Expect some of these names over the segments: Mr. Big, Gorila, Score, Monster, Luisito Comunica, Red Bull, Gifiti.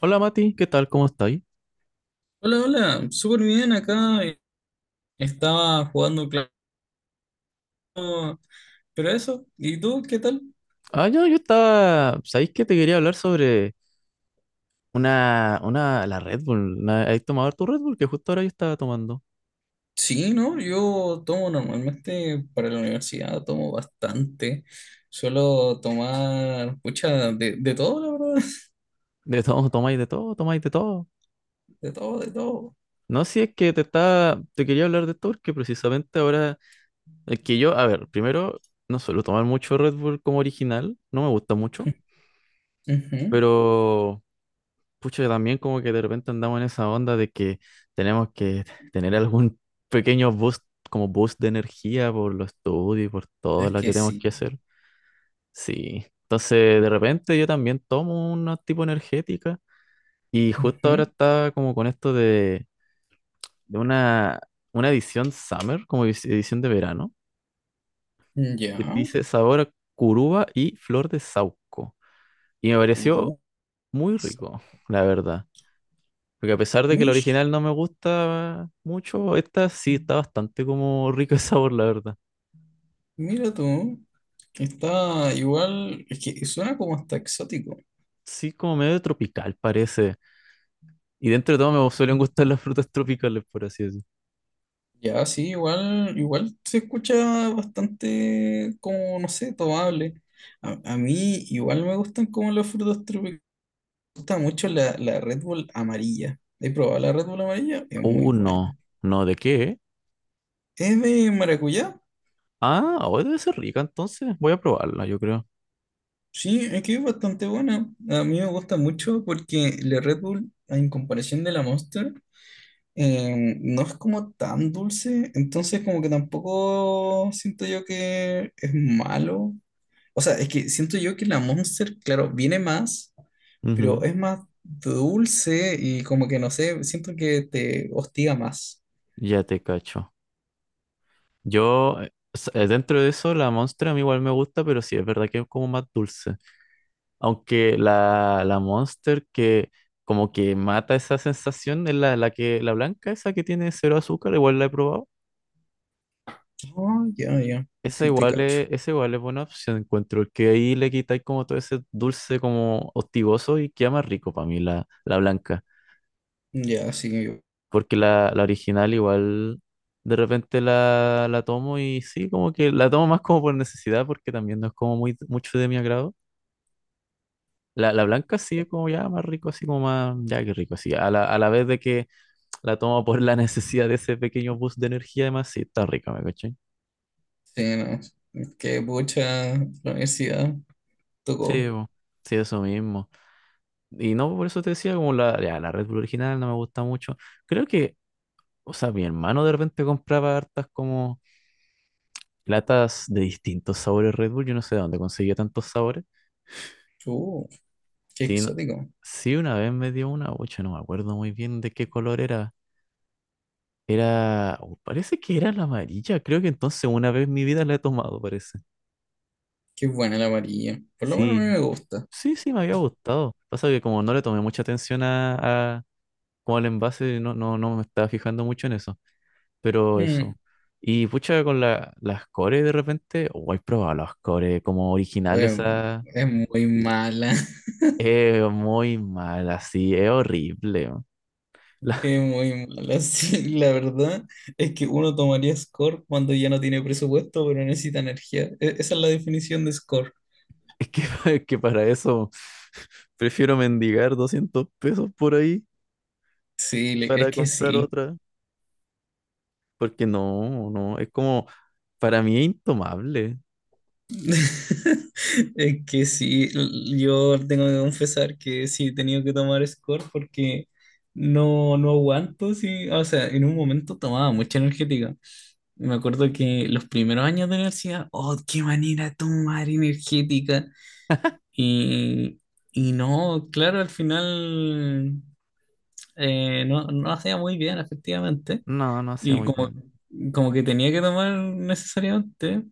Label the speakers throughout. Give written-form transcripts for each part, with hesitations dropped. Speaker 1: Hola Mati, ¿qué tal? ¿Cómo estáis?
Speaker 2: Hola, hola, súper bien acá. Estaba jugando, claro, pero eso, ¿y tú qué tal?
Speaker 1: Ah, yo estaba. ¿Sabéis que te quería hablar sobre la Red Bull? ¿Has tomado tu Red Bull? Que justo ahora yo estaba tomando.
Speaker 2: Sí, ¿no? Yo tomo normalmente para la universidad, tomo bastante. Suelo tomar, pucha, de todo, la verdad.
Speaker 1: De todo, tomáis de todo, tomáis de todo.
Speaker 2: De todo, de todo.
Speaker 1: No, si es que te quería hablar de esto porque precisamente ahora, es que yo, a ver, primero, no suelo tomar mucho Red Bull como original, no me gusta mucho,
Speaker 2: Ujú.
Speaker 1: pero Pucho, que también como que de repente andamos en esa onda de que tenemos que tener algún pequeño boost, como boost de energía por los estudios y por todo
Speaker 2: Es
Speaker 1: lo
Speaker 2: que
Speaker 1: que tenemos que
Speaker 2: sí.
Speaker 1: hacer. Sí. Entonces, de repente yo también tomo una tipo energética y justo ahora
Speaker 2: Ujú.
Speaker 1: está como con esto de, una edición summer, como edición de verano,
Speaker 2: Ya.
Speaker 1: que dice sabor a curuba y flor de saúco. Y me pareció
Speaker 2: Kuru.
Speaker 1: muy rico, la verdad. Porque a pesar de que el
Speaker 2: Mish,
Speaker 1: original no me gusta mucho, esta sí está bastante como rica de sabor, la verdad.
Speaker 2: mira tú. Está igual, es que suena como hasta exótico.
Speaker 1: Sí, como medio tropical parece. Y dentro de todo me suelen gustar las frutas tropicales, por así decirlo.
Speaker 2: Ya, sí, igual, igual se escucha bastante como, no sé, tomable. A mí igual me gustan como los frutos tropicales. Me gusta mucho la Red Bull amarilla. He probado la Red Bull amarilla, es muy
Speaker 1: No.
Speaker 2: buena.
Speaker 1: No, ¿de qué?
Speaker 2: ¿Es de maracuyá?
Speaker 1: Ah, hoy debe ser rica, entonces voy a probarla, yo creo.
Speaker 2: Sí, es que es bastante buena. A mí me gusta mucho porque la Red Bull, en comparación de la Monster, no es como tan dulce, entonces como que tampoco siento yo que es malo. O sea, es que siento yo que la Monster, claro, viene más, pero
Speaker 1: Ujú.
Speaker 2: es más dulce y como que no sé, siento que te hostiga más.
Speaker 1: Ya te cacho. Yo, dentro de eso, la Monster a mí igual me gusta, pero sí es verdad que es como más dulce. Aunque la Monster que como que mata esa sensación es la, la que la blanca, esa que tiene cero azúcar, igual la he probado.
Speaker 2: Oh, ya, ya,
Speaker 1: Esa
Speaker 2: sí te
Speaker 1: igual
Speaker 2: cacho.
Speaker 1: es, esa igual es buena opción, encuentro, que ahí le quitáis como todo ese dulce como hostigoso y queda más rico para mí la blanca.
Speaker 2: Ya, sí,
Speaker 1: Porque la original igual de repente la, tomo y sí, como que la tomo más como por necesidad porque también no es como mucho de mi agrado. La blanca sí es como ya más rico, así como más, ya que rico, así. A la vez de que la toma por la necesidad de ese pequeño boost de energía, además, sí, está rica, ¿me cachai?
Speaker 2: sí, no. Qué pucha, la universidad tocó.
Speaker 1: Sí, bo, sí, eso mismo. Y no, por eso te decía, como la, ya, la Red Bull original no me gusta mucho. Creo que, o sea, mi hermano de repente compraba hartas como latas de distintos sabores Red Bull, yo no sé de dónde conseguía tantos sabores.
Speaker 2: Uh, Qué
Speaker 1: Sí,
Speaker 2: exótico.
Speaker 1: sí, una vez me dio una, ocho, no me acuerdo muy bien de qué color era. Era, oh, parece que era la amarilla, creo que entonces una vez en mi vida la he tomado, parece.
Speaker 2: Qué buena la varilla. Por lo menos a
Speaker 1: Sí,
Speaker 2: mí me gusta.
Speaker 1: sí, sí, me había gustado. Pasa que como no le tomé mucha atención a como al envase, no me estaba fijando mucho en eso. Pero
Speaker 2: Mm,
Speaker 1: eso. Y pucha, con las cores de repente, oh, he probado las cores como originales,
Speaker 2: bueno,
Speaker 1: a
Speaker 2: es muy mala.
Speaker 1: es muy mal, así, es horrible, man. La-
Speaker 2: Es muy mala, sí, la verdad es que uno tomaría score cuando ya no tiene presupuesto, pero necesita energía. Esa es la definición de score.
Speaker 1: es que para eso prefiero mendigar 200 pesos por ahí
Speaker 2: Sí, es
Speaker 1: para
Speaker 2: que
Speaker 1: comprar
Speaker 2: sí.
Speaker 1: otra. Porque no, no, es como, para mí es intomable.
Speaker 2: Es que sí, yo tengo que confesar que sí he tenido que tomar score porque no, no aguanto, sí. O sea, en un momento tomaba mucha energética. Me acuerdo que los primeros años de universidad, oh, qué manera de tomar energética. Y, y no, claro, al final no, no hacía muy bien, efectivamente.
Speaker 1: No, no hacía
Speaker 2: Y
Speaker 1: muy
Speaker 2: como,
Speaker 1: bien.
Speaker 2: como que tenía que tomar necesariamente,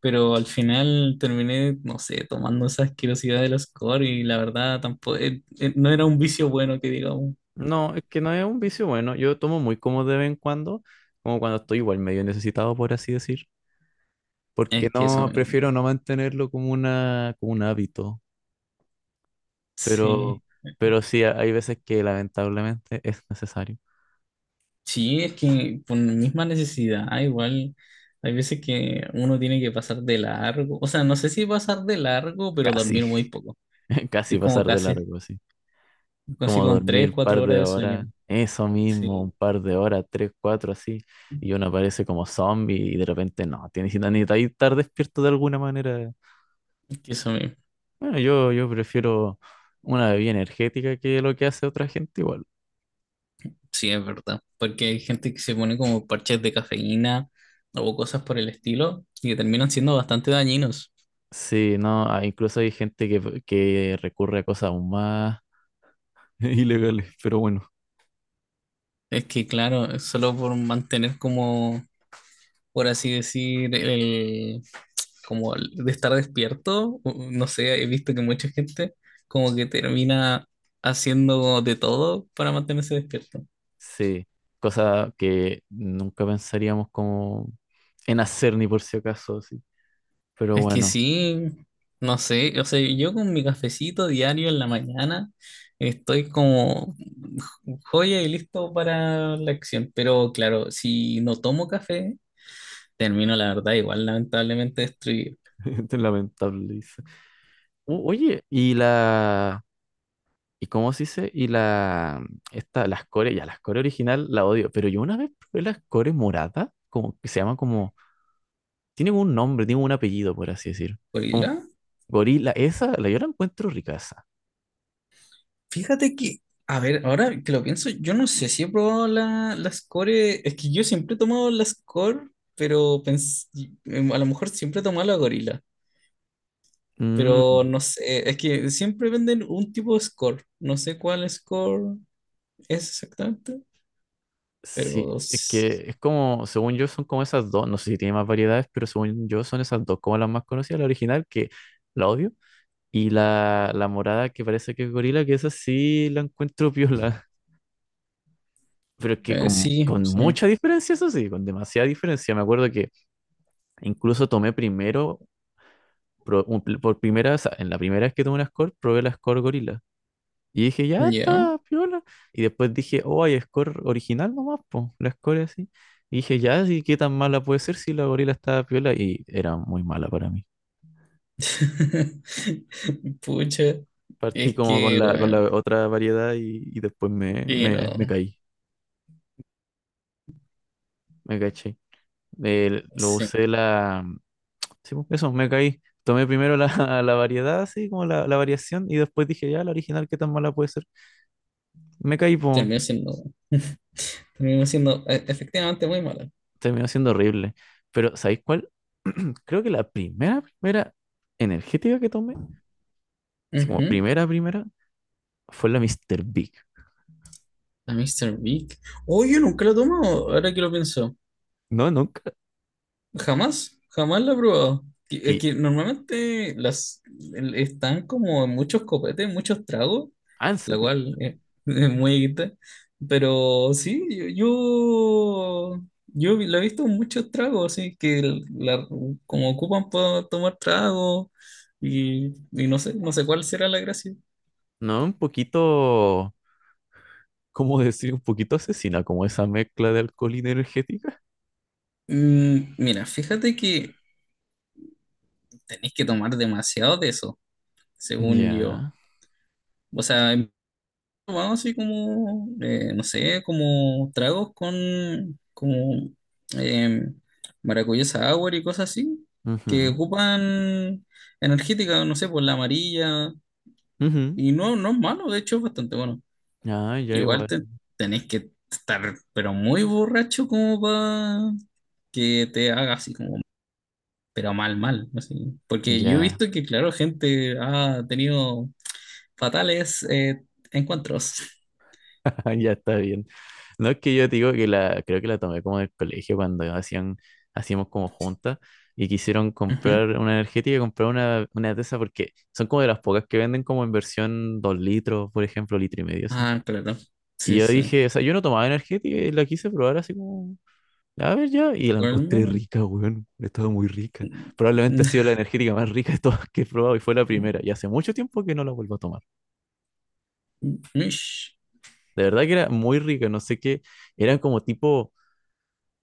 Speaker 2: pero al final terminé, no sé, tomando esa asquerosidad del score y la verdad tampoco, no era un vicio bueno que digamos.
Speaker 1: No, es que no es un vicio bueno. Yo tomo muy como de vez en cuando, como cuando estoy igual medio necesitado, por así decir. Porque
Speaker 2: Es que eso
Speaker 1: no,
Speaker 2: mismo.
Speaker 1: prefiero no mantenerlo como como un hábito. Pero,
Speaker 2: Sí.
Speaker 1: pero sí, hay veces que lamentablemente es necesario.
Speaker 2: Sí, es que por la misma necesidad, ah, igual. Hay veces que uno tiene que pasar de largo, o sea, no sé si pasar de largo, pero
Speaker 1: Casi,
Speaker 2: dormir muy poco, que
Speaker 1: casi
Speaker 2: es como
Speaker 1: pasar de
Speaker 2: casi
Speaker 1: largo, así. Como
Speaker 2: consigo con
Speaker 1: dormir
Speaker 2: 3,
Speaker 1: un
Speaker 2: 4
Speaker 1: par
Speaker 2: horas
Speaker 1: de
Speaker 2: de sueño.
Speaker 1: horas, eso
Speaker 2: Sí,
Speaker 1: mismo, un par de horas, tres, cuatro, así. Y uno aparece como zombie y de repente no, tienes que necesitar estar despierto de alguna manera.
Speaker 2: eso mismo.
Speaker 1: Bueno, yo prefiero una bebida energética que lo que hace otra gente igual.
Speaker 2: Sí, es verdad. Porque hay gente que se pone como parches de cafeína o cosas por el estilo y que terminan siendo bastante dañinos.
Speaker 1: Sí, no, ah, incluso hay gente que recurre a cosas aún más ilegales, pero bueno,
Speaker 2: Es que, claro, es solo por mantener como, por así decir, el, como el de estar despierto, no sé, he visto que mucha gente como que termina haciendo de todo para mantenerse despierto.
Speaker 1: sí, cosas que nunca pensaríamos como en hacer ni por si acaso, sí. Pero
Speaker 2: Es que
Speaker 1: bueno,
Speaker 2: sí, no sé, o sea, yo con mi cafecito diario en la mañana estoy como joya y listo para la acción, pero claro, si no tomo café, termino la verdad igual lamentablemente destruido.
Speaker 1: es lamentable, dice. Oye, y la, ¿y cómo se dice? Y la, esta, las core, ya, las core original la odio, pero yo una vez probé las core morada, como que se llama como tiene como un nombre, tiene como un apellido, por así decir.
Speaker 2: Por ir
Speaker 1: Como
Speaker 2: a-
Speaker 1: gorila, esa, la yo la encuentro ricaza.
Speaker 2: Fíjate que, a ver, ahora que lo pienso, yo no sé si he probado la, la Score, es que yo siempre he tomado la Score, pero a lo mejor siempre he tomado la Gorila.
Speaker 1: Mm,
Speaker 2: Pero no sé, es que siempre venden un tipo de score. No sé cuál score es exactamente,
Speaker 1: sí,
Speaker 2: pero
Speaker 1: es que es como, según yo, son como esas dos, no sé si tiene más variedades, pero según yo son esas dos como las más conocidas, la original, que la odio, y la morada que parece que es gorila, que esa sí la encuentro piola. Pero es que con,
Speaker 2: sí,
Speaker 1: con
Speaker 2: sí.
Speaker 1: mucha diferencia, eso sí, con demasiada diferencia. Me acuerdo que incluso tomé primero, por primera, o sea, en la primera vez que tomé una score, probé la score gorila. Y dije, ya
Speaker 2: Ya.
Speaker 1: está, piola. Y después dije, oh, hay score original nomás, po, la score así. Y dije, ya, sí, ¿qué tan mala puede ser si la gorila estaba piola? Y era muy mala para mí.
Speaker 2: Pucha,
Speaker 1: Partí
Speaker 2: es
Speaker 1: como con
Speaker 2: que,
Speaker 1: la, con
Speaker 2: bueno,
Speaker 1: la otra variedad y después me,
Speaker 2: y no,
Speaker 1: me, me caí, me caché. Lo
Speaker 2: sí,
Speaker 1: usé la. Mm. Sí, po, eso, me caí. Tomé primero la, la variedad, así como la variación, y después dije, ya, la original, ¿qué tan mala puede ser? Me caí, po,
Speaker 2: terminó siendo, terminó siendo efectivamente muy mala.
Speaker 1: terminó siendo horrible. Pero, ¿sabéis cuál? Creo que la primera, primera energética que tomé, así como
Speaker 2: Ujú.
Speaker 1: primera, primera, fue la Mr. Big.
Speaker 2: A Mr. Big. Oh, yo nunca lo he ahora que lo pienso.
Speaker 1: No, nunca.
Speaker 2: Jamás, jamás la he probado. Es
Speaker 1: Que,
Speaker 2: que normalmente están como en muchos copetes, muchos tragos,
Speaker 1: ah, en
Speaker 2: la
Speaker 1: serio.
Speaker 2: cual es muy equita. Pero sí, la he visto en muchos tragos, así que como ocupan para tomar tragos y no sé, no sé cuál será la gracia.
Speaker 1: No, un poquito, ¿cómo decir? Un poquito asesina, como esa mezcla de alcohol y energética.
Speaker 2: Mira, fíjate que tenés que tomar demasiado de eso, según
Speaker 1: Ya.
Speaker 2: yo. O sea, tomado así como, no sé, como tragos con como eh, maracuyá sour y cosas así, que
Speaker 1: Ujú,
Speaker 2: ocupan energética, no sé, por la amarilla,
Speaker 1: ujú.
Speaker 2: y no, no es malo, de hecho es bastante bueno.
Speaker 1: Ah, ya
Speaker 2: Igual
Speaker 1: igual.
Speaker 2: tenés que estar, pero muy borracho como para que te haga así como, pero mal, mal, así. Porque yo he
Speaker 1: Ya.
Speaker 2: visto que, claro, gente ha tenido fatales encuentros.
Speaker 1: Ya está bien. No es que yo te digo que la, creo que la tomé como del colegio cuando hacíamos como juntas y quisieron comprar una energética y comprar una, de esas porque son como de las pocas que venden como en versión 2 litros, por ejemplo, litro y medio, así.
Speaker 2: Ah, claro.
Speaker 1: Y
Speaker 2: Sí,
Speaker 1: yo
Speaker 2: sí.
Speaker 1: dije, o sea, yo no tomaba energética y la quise probar así como, a ver ya, y la encontré
Speaker 2: Bueno,
Speaker 1: rica, weón, estaba muy rica. Probablemente ha sido la energética más rica de todas que he probado y fue la primera. Y hace mucho tiempo que no la vuelvo a tomar.
Speaker 2: Mish.
Speaker 1: De verdad que era muy rica, no sé qué, eran como tipo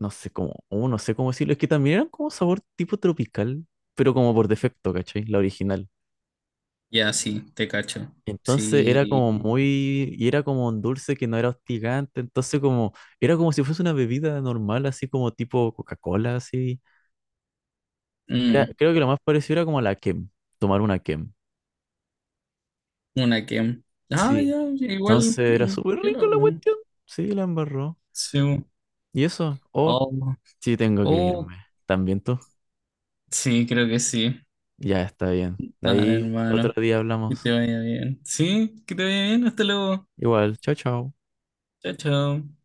Speaker 1: no sé cómo, oh, no sé cómo decirlo, es que también eran como sabor tipo tropical, pero como por defecto, ¿cachai? La original.
Speaker 2: Ya, sí, te cacho.
Speaker 1: Entonces era como
Speaker 2: Sí.
Speaker 1: muy, y era como un dulce que no era hostigante, entonces como, era como si fuese una bebida normal, así como tipo Coca-Cola, así. Era,
Speaker 2: Mm,
Speaker 1: creo que lo más parecido era como la Kem, tomar una Kem.
Speaker 2: una que. Ah,
Speaker 1: Sí.
Speaker 2: ya,
Speaker 1: Entonces
Speaker 2: igual.
Speaker 1: era súper
Speaker 2: Piola,
Speaker 1: rico la
Speaker 2: po.
Speaker 1: cuestión. Sí, la embarró.
Speaker 2: Sí.
Speaker 1: ¿Y eso? Oh,
Speaker 2: Oh,
Speaker 1: sí, tengo que
Speaker 2: oh,
Speaker 1: irme. ¿También tú?
Speaker 2: sí, creo que sí.
Speaker 1: Ya está bien. De
Speaker 2: Dale,
Speaker 1: ahí otro
Speaker 2: hermano.
Speaker 1: día
Speaker 2: Que
Speaker 1: hablamos.
Speaker 2: te vaya bien. Sí, que te vaya bien. Hasta luego.
Speaker 1: Igual, chao, chao.
Speaker 2: Chao, chao.